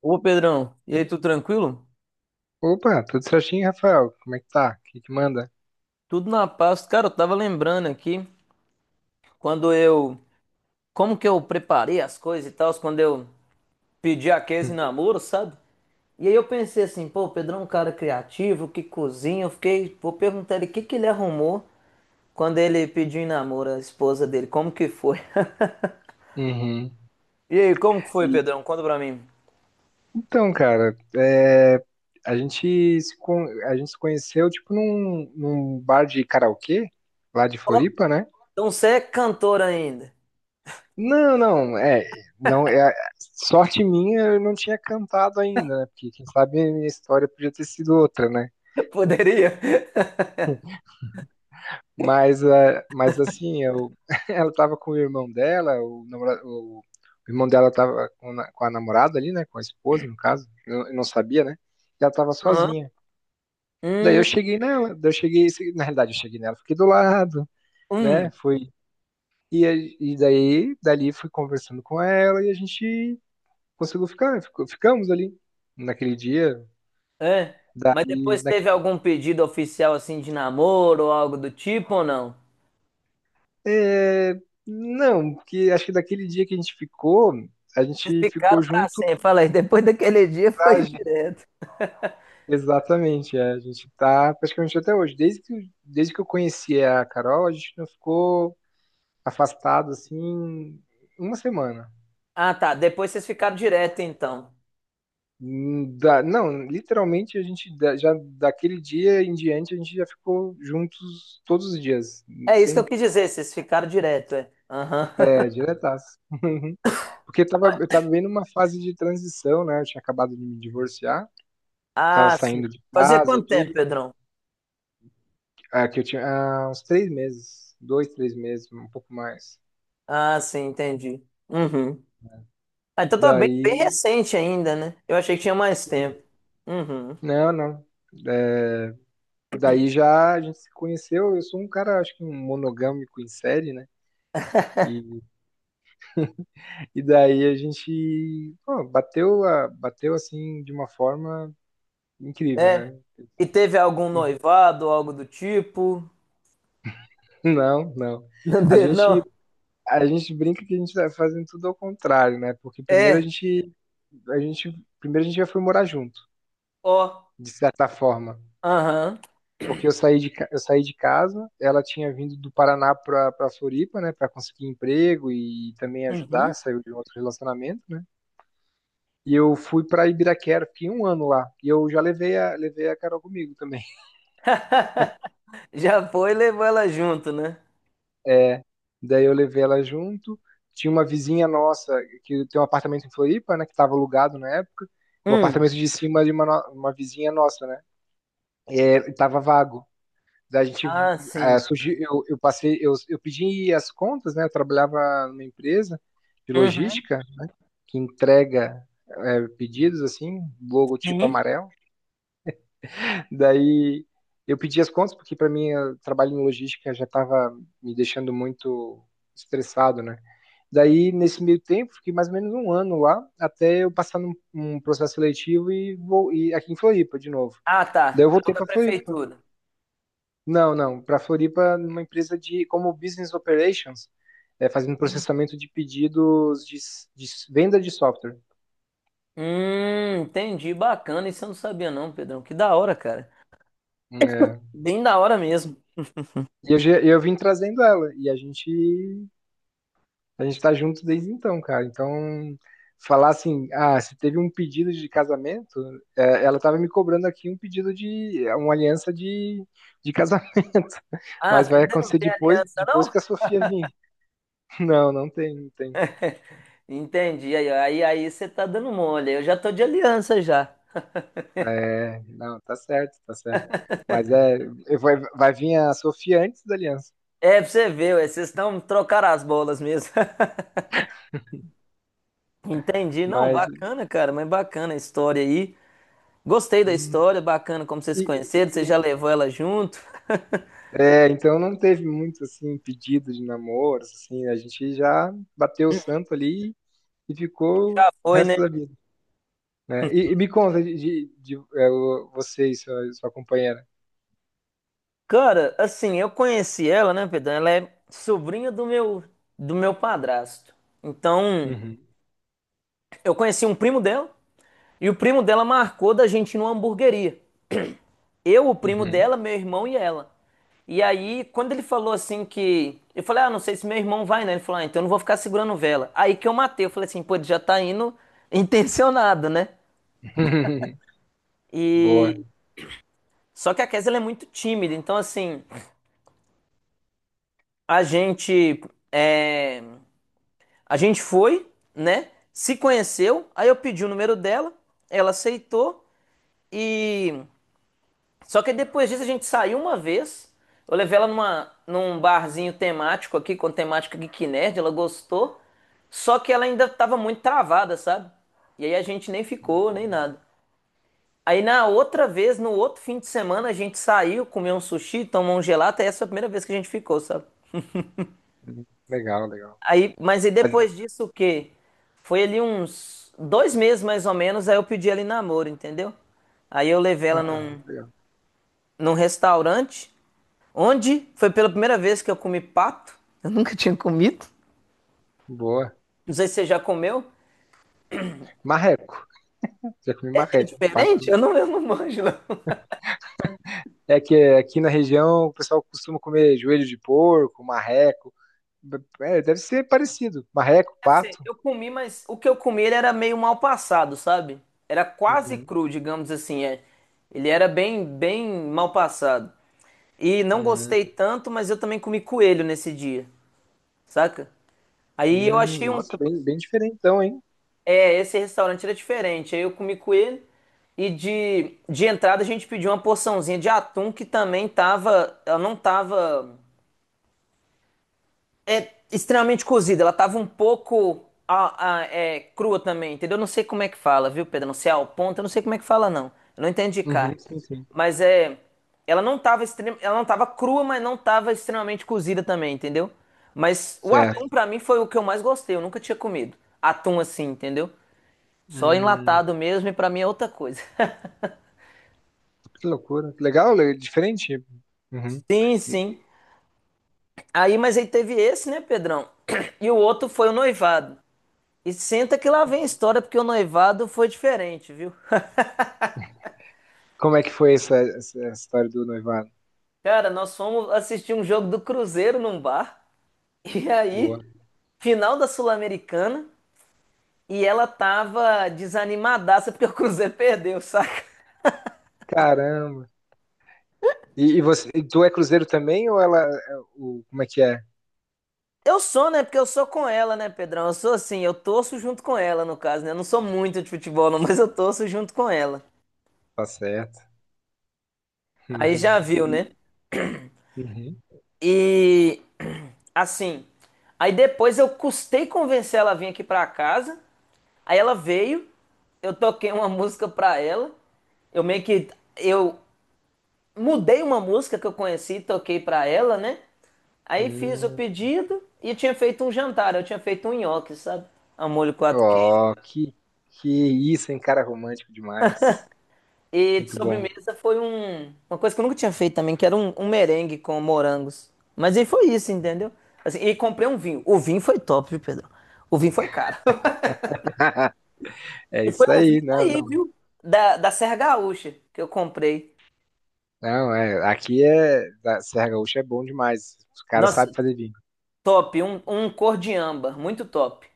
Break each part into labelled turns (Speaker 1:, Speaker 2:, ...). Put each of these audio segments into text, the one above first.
Speaker 1: Ô Pedrão, e aí, tudo tranquilo?
Speaker 2: Opa, tudo certinho, Rafael? Como é que tá? O que que manda?
Speaker 1: Tudo na paz. Cara, eu tava lembrando aqui quando eu. Como que eu preparei as coisas e tal, quando eu pedi a Casey em namoro, sabe? E aí eu pensei assim, pô, o Pedrão é um cara criativo, que cozinha. Eu fiquei. Vou perguntar ele o que que ele arrumou quando ele pediu em namoro a esposa dele. Como que foi?
Speaker 2: Uhum.
Speaker 1: E aí, como que foi,
Speaker 2: E-
Speaker 1: Pedrão? Conta pra mim.
Speaker 2: Então, cara, a gente se conheceu, tipo, num bar de karaokê, lá de
Speaker 1: Ó,
Speaker 2: Floripa, né?
Speaker 1: então você é cantor ainda?
Speaker 2: Não, não, é, não, é, sorte minha, eu não tinha cantado ainda, né? Porque quem sabe a minha história podia ter sido outra, né?
Speaker 1: Poderia?
Speaker 2: Mas, é, mas assim, eu, ela tava com o irmão dela, o irmão dela tava com a namorada ali, né? Com a esposa, no caso. Eu não sabia, né? E ela tava
Speaker 1: Aham.
Speaker 2: sozinha. Daí
Speaker 1: Hum,
Speaker 2: eu cheguei nela, daí eu cheguei, na realidade eu cheguei nela, fiquei do lado, né?
Speaker 1: hum.
Speaker 2: Fui, e daí, dali fui conversando com ela e a gente ficamos ali naquele dia.
Speaker 1: É? Mas
Speaker 2: Daí,
Speaker 1: depois teve
Speaker 2: naquele,
Speaker 1: algum pedido oficial assim de namoro ou algo do tipo ou não?
Speaker 2: é, não, porque acho que daquele dia que a
Speaker 1: Vocês
Speaker 2: gente
Speaker 1: ficaram
Speaker 2: ficou
Speaker 1: pra
Speaker 2: junto.
Speaker 1: sempre. Falei, depois daquele dia foi
Speaker 2: Traje.
Speaker 1: direto.
Speaker 2: Exatamente, é, a gente tá praticamente até hoje. Desde que eu conheci a Carol, a gente não ficou afastado assim uma semana.
Speaker 1: Ah, tá. Depois vocês ficaram direto, então.
Speaker 2: Não, literalmente a gente da- já daquele dia em diante a gente já ficou juntos todos os dias,
Speaker 1: É isso que eu
Speaker 2: sem
Speaker 1: quis dizer, vocês ficaram direto, é. Aham.
Speaker 2: é, diretaço. Porque eu tava bem numa fase de transição, né? Eu tinha acabado de me divorciar, tava
Speaker 1: Ah, sim.
Speaker 2: saindo de
Speaker 1: Fazia
Speaker 2: casa,
Speaker 1: quanto tempo,
Speaker 2: tudo.
Speaker 1: Pedrão?
Speaker 2: Ah, que eu tinha uns três meses, dois, três meses, um pouco mais.
Speaker 1: Ah, sim, entendi. Uhum. Ah, então tá bem
Speaker 2: Daí,
Speaker 1: recente ainda, né? Eu achei que tinha mais tempo. Uhum.
Speaker 2: não, não. É, daí já a gente se conheceu. Eu sou um cara, acho que um monogâmico em série, né? E, e daí a gente, pô, bateu assim de uma forma incrível,
Speaker 1: É.
Speaker 2: né?
Speaker 1: E teve algum noivado algo do tipo?
Speaker 2: Não, não.
Speaker 1: Não
Speaker 2: A
Speaker 1: teve, não?
Speaker 2: gente, a gente brinca que a gente tá fazendo tudo ao contrário, né? Porque primeiro
Speaker 1: É.
Speaker 2: a gente, primeiro a gente já foi morar junto,
Speaker 1: Ó.
Speaker 2: de certa forma.
Speaker 1: Aham.
Speaker 2: Porque eu saí de casa, ela tinha vindo do Paraná para Floripa, né, para conseguir emprego e também ajudar,
Speaker 1: Uhum.
Speaker 2: saiu de um outro relacionamento, né? E eu fui para Ibiraquera, fiquei um ano lá. E eu já levei a Carol comigo também.
Speaker 1: Já foi e levou ela junto, né?
Speaker 2: É, daí eu levei ela junto. Tinha uma vizinha nossa que tem um apartamento em Floripa, né, que estava alugado na época. O
Speaker 1: Hum.
Speaker 2: apartamento de cima de uma, no- uma vizinha nossa, né? Ele tava vago. A gente
Speaker 1: Ah,
Speaker 2: é,
Speaker 1: sim.
Speaker 2: surgiu, eu passei, eu pedi as contas, né? Eu trabalhava numa empresa de
Speaker 1: Uhum.
Speaker 2: logística que entrega é, pedidos assim, logotipo
Speaker 1: Sim.
Speaker 2: amarelo. Daí eu pedi as contas porque para mim o trabalho em logística já estava me deixando muito estressado, né? Daí nesse meio tempo fiquei mais ou menos um ano lá até eu passar num processo seletivo e vou e aqui em Floripa de novo.
Speaker 1: Ah,
Speaker 2: Daí eu
Speaker 1: tá. É o
Speaker 2: voltei
Speaker 1: da
Speaker 2: para Floripa,
Speaker 1: prefeitura.
Speaker 2: não, não. Para Floripa, numa empresa de como business operations, é, fazendo
Speaker 1: Hum,
Speaker 2: processamento de pedidos de venda de software.
Speaker 1: Hum, entendi. Bacana. Isso eu não sabia, não, Pedrão. Que da hora, cara.
Speaker 2: É.
Speaker 1: Bem da hora mesmo.
Speaker 2: E eu, eu vim trazendo ela e a gente tá junto desde então, cara. Então falar assim, ah, se teve um pedido de casamento, é, ela tava me cobrando aqui um pedido de uma de casamento,
Speaker 1: Ah,
Speaker 2: mas vai
Speaker 1: ainda não
Speaker 2: acontecer
Speaker 1: tem aliança,
Speaker 2: depois
Speaker 1: não?
Speaker 2: que a Sofia vir. Não, não tem, não tem.
Speaker 1: Entendi. Aí você tá dando mole. Eu já tô de aliança já.
Speaker 2: É, não, tá certo, tá certo. Mas é, eu vou vai vir a Sofia antes da Aliança.
Speaker 1: É, pra você ver, ué, vocês estão trocar as bolas mesmo. Entendi. Não,
Speaker 2: Mas
Speaker 1: bacana, cara, mas bacana a história aí. Gostei da
Speaker 2: hum,
Speaker 1: história, bacana como vocês se
Speaker 2: e-
Speaker 1: conheceram, você já
Speaker 2: e-
Speaker 1: levou ela junto?
Speaker 2: é, então não teve muito assim pedido de namoro, assim, a gente já bateu o santo ali e ficou o
Speaker 1: Foi, né?
Speaker 2: resto da vida, né? E me conta de, é, você e sua companheira.
Speaker 1: Cara, assim, eu conheci ela, né, Pedro? Ela é sobrinha do meu padrasto. Então,
Speaker 2: Uhum,
Speaker 1: eu conheci um primo dela e o primo dela marcou da gente ir numa hamburgueria. Eu, o primo
Speaker 2: uhum.
Speaker 1: dela, meu irmão e ela. E aí, quando ele falou assim que. Eu falei, ah, não sei se meu irmão vai, né? Ele falou, ah, então eu não vou ficar segurando vela. Aí que eu matei, eu falei assim, pô, ele já tá indo intencionado, né?
Speaker 2: Boa.
Speaker 1: E Só que a Kes, ela é muito tímida, então assim, a gente é, a gente foi, né? Se conheceu, aí eu pedi o número dela, ela aceitou e só que depois disso a gente saiu uma vez. Eu levei ela num barzinho temático aqui, com temática Geek Nerd, ela gostou. Só que ela ainda tava muito travada, sabe? E aí a gente nem ficou, nem nada. Aí na outra vez, no outro fim de semana, a gente saiu, comeu um sushi, tomou um gelato, e essa foi a primeira vez que a gente ficou, sabe?
Speaker 2: Legal, legal.
Speaker 1: Aí, mas e depois disso o quê? Foi ali uns dois meses mais ou menos, aí eu pedi ela em namoro, entendeu? Aí eu levei ela
Speaker 2: Ah, legal.
Speaker 1: num restaurante, onde foi pela primeira vez que eu comi pato. Eu não Mito?
Speaker 2: Boa.
Speaker 1: Não sei se você já comeu.
Speaker 2: Marreco. Já comi
Speaker 1: É
Speaker 2: marreco.
Speaker 1: diferente? Eu não manjo, não.
Speaker 2: É que aqui na região o pessoal costuma comer joelho de porco, marreco. É, deve ser parecido. Marreco,
Speaker 1: Deve ser,
Speaker 2: pato.
Speaker 1: eu comi, mas o que eu comi ele era meio mal passado, sabe? Era quase
Speaker 2: Uhum.
Speaker 1: cru, digamos assim. É. Ele era bem mal passado. E não
Speaker 2: Hum,
Speaker 1: gostei tanto, mas eu também comi coelho nesse dia, saca? Aí eu achei um.
Speaker 2: nossa, bem, bem diferentão, hein?
Speaker 1: É, esse restaurante era diferente. Aí eu comi com ele. E de entrada a gente pediu uma porçãozinha de atum que também tava. Ela não tava. É extremamente cozida. Ela tava um pouco. A- é, crua também, entendeu? Eu Não sei como é que fala, viu, Pedro? Não sei ao ponto, eu não sei como é que fala, não. Eu não entendi, cara.
Speaker 2: Uhum, sim, sim.
Speaker 1: Mas é. Ela não tava crua, mas não tava extremamente cozida também, entendeu? Mas o atum
Speaker 2: Certo.
Speaker 1: pra mim foi o que eu mais gostei, eu nunca tinha comido. Atum assim, entendeu? Só
Speaker 2: Hum,
Speaker 1: enlatado mesmo e pra mim é outra coisa.
Speaker 2: que loucura. Que diferente. Uhum.
Speaker 1: Sim, sim. Aí, mas aí teve esse, né, Pedrão? E o outro foi o noivado. E senta que lá vem a história, porque o noivado foi diferente, viu?
Speaker 2: Como é que foi essa história do noivado?
Speaker 1: Cara, nós fomos assistir um jogo do Cruzeiro num bar. E aí,
Speaker 2: Boa.
Speaker 1: final da Sul-Americana. E ela tava desanimadaça porque o Cruzeiro perdeu, saca?
Speaker 2: Caramba. E você, e tu é cruzeiro também ou ela, é o, como é que é?
Speaker 1: Eu sou, né? Porque eu sou com ela, né, Pedrão? Eu sou assim, eu torço junto com ela, no caso, né? Eu não, sou muito de futebol, não, mas eu torço junto com ela.
Speaker 2: Tá certo.
Speaker 1: Aí já viu,
Speaker 2: Uhum.
Speaker 1: né?
Speaker 2: Uhum.
Speaker 1: E assim, aí depois eu custei convencer ela a vir aqui pra casa. Aí ela veio, eu toquei uma música pra ela. Eu meio que eu mudei uma música que eu conheci, toquei pra ela, né? Aí fiz o
Speaker 2: Hum.
Speaker 1: pedido e tinha feito um jantar, eu tinha feito um nhoque, sabe? A molho quatro.
Speaker 2: Oh, que isso, hein, cara, romântico demais.
Speaker 1: E de
Speaker 2: Muito bom.
Speaker 1: sobremesa foi uma coisa que eu nunca tinha feito também, que era um merengue com morangos. Mas aí foi isso, entendeu? Assim, e comprei um vinho. O vinho foi top, viu, Pedro? O vinho foi caro.
Speaker 2: É
Speaker 1: E foi
Speaker 2: isso
Speaker 1: um
Speaker 2: aí,
Speaker 1: vinho
Speaker 2: não,
Speaker 1: daí,
Speaker 2: não.
Speaker 1: viu? Da Serra Gaúcha, que eu comprei.
Speaker 2: Não, é, aqui é, da Serra Gaúcha é bom demais. Os caras
Speaker 1: Nossa,
Speaker 2: sabem fazer vinho.
Speaker 1: top. Um cor de âmbar, muito top.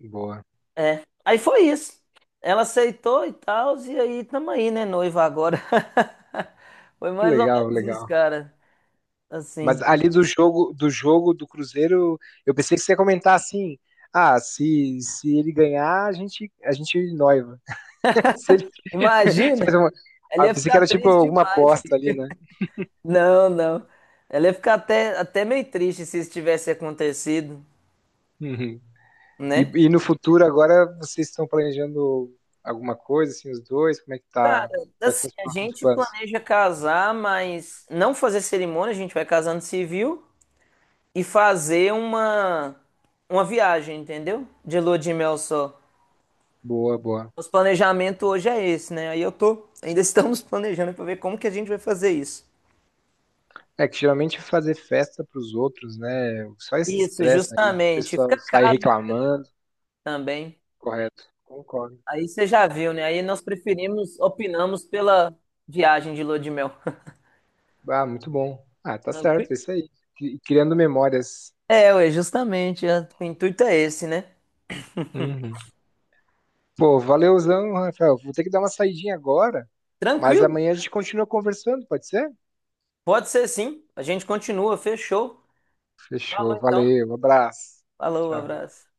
Speaker 2: Boa.
Speaker 1: É. Aí foi isso. Ela aceitou e tal, e aí tamo aí, né, noiva agora. Foi
Speaker 2: Que
Speaker 1: mais ou
Speaker 2: legal,
Speaker 1: menos isso,
Speaker 2: legal.
Speaker 1: cara.
Speaker 2: Mas
Speaker 1: Assim,
Speaker 2: ali do jogo, do Cruzeiro, eu pensei que você ia comentar assim: "Ah, se ele ganhar, a gente noiva". Se ele
Speaker 1: imagina,
Speaker 2: faz uma,
Speaker 1: ela
Speaker 2: ah, eu
Speaker 1: ia
Speaker 2: pensei que
Speaker 1: ficar
Speaker 2: era tipo
Speaker 1: triste
Speaker 2: alguma
Speaker 1: demais.
Speaker 2: aposta ali, né?
Speaker 1: Não, não. Ela ia ficar até meio triste se isso tivesse acontecido,
Speaker 2: Uhum.
Speaker 1: né?
Speaker 2: E no futuro, agora, vocês estão planejando alguma coisa, assim, os dois? Como é que
Speaker 1: Cara,
Speaker 2: tá? Quais são
Speaker 1: assim,
Speaker 2: os
Speaker 1: a
Speaker 2: próximos
Speaker 1: gente
Speaker 2: planos?
Speaker 1: planeja casar, mas não fazer cerimônia, a gente vai casando civil e fazer uma viagem, entendeu? De lua de mel só.
Speaker 2: Boa, boa.
Speaker 1: Os planejamento hoje é esse, né? Aí eu tô, ainda estamos planejando pra ver como que a gente vai fazer isso.
Speaker 2: É que geralmente fazer festa para os outros, né? Só esse
Speaker 1: Isso,
Speaker 2: estresse aí, o
Speaker 1: justamente. Fica
Speaker 2: pessoal sai
Speaker 1: caro, né,
Speaker 2: reclamando,
Speaker 1: também.
Speaker 2: correto? Concordo.
Speaker 1: Aí você já viu, né? Aí nós preferimos, opinamos pela viagem de lua de mel.
Speaker 2: Ah, muito bom. Ah, tá certo,
Speaker 1: Tranquilo?
Speaker 2: é isso aí. Criando memórias.
Speaker 1: É, ué, justamente, é, o intuito é esse, né?
Speaker 2: Uhum. Pô, valeuzão, Rafael. Vou ter que dar uma saidinha agora, mas
Speaker 1: Tranquilo?
Speaker 2: amanhã a gente continua conversando, pode ser?
Speaker 1: Pode ser sim. A gente continua, fechou. Falou
Speaker 2: Fechou,
Speaker 1: então.
Speaker 2: valeu, abraço.
Speaker 1: Falou,
Speaker 2: Tchau.
Speaker 1: abraço.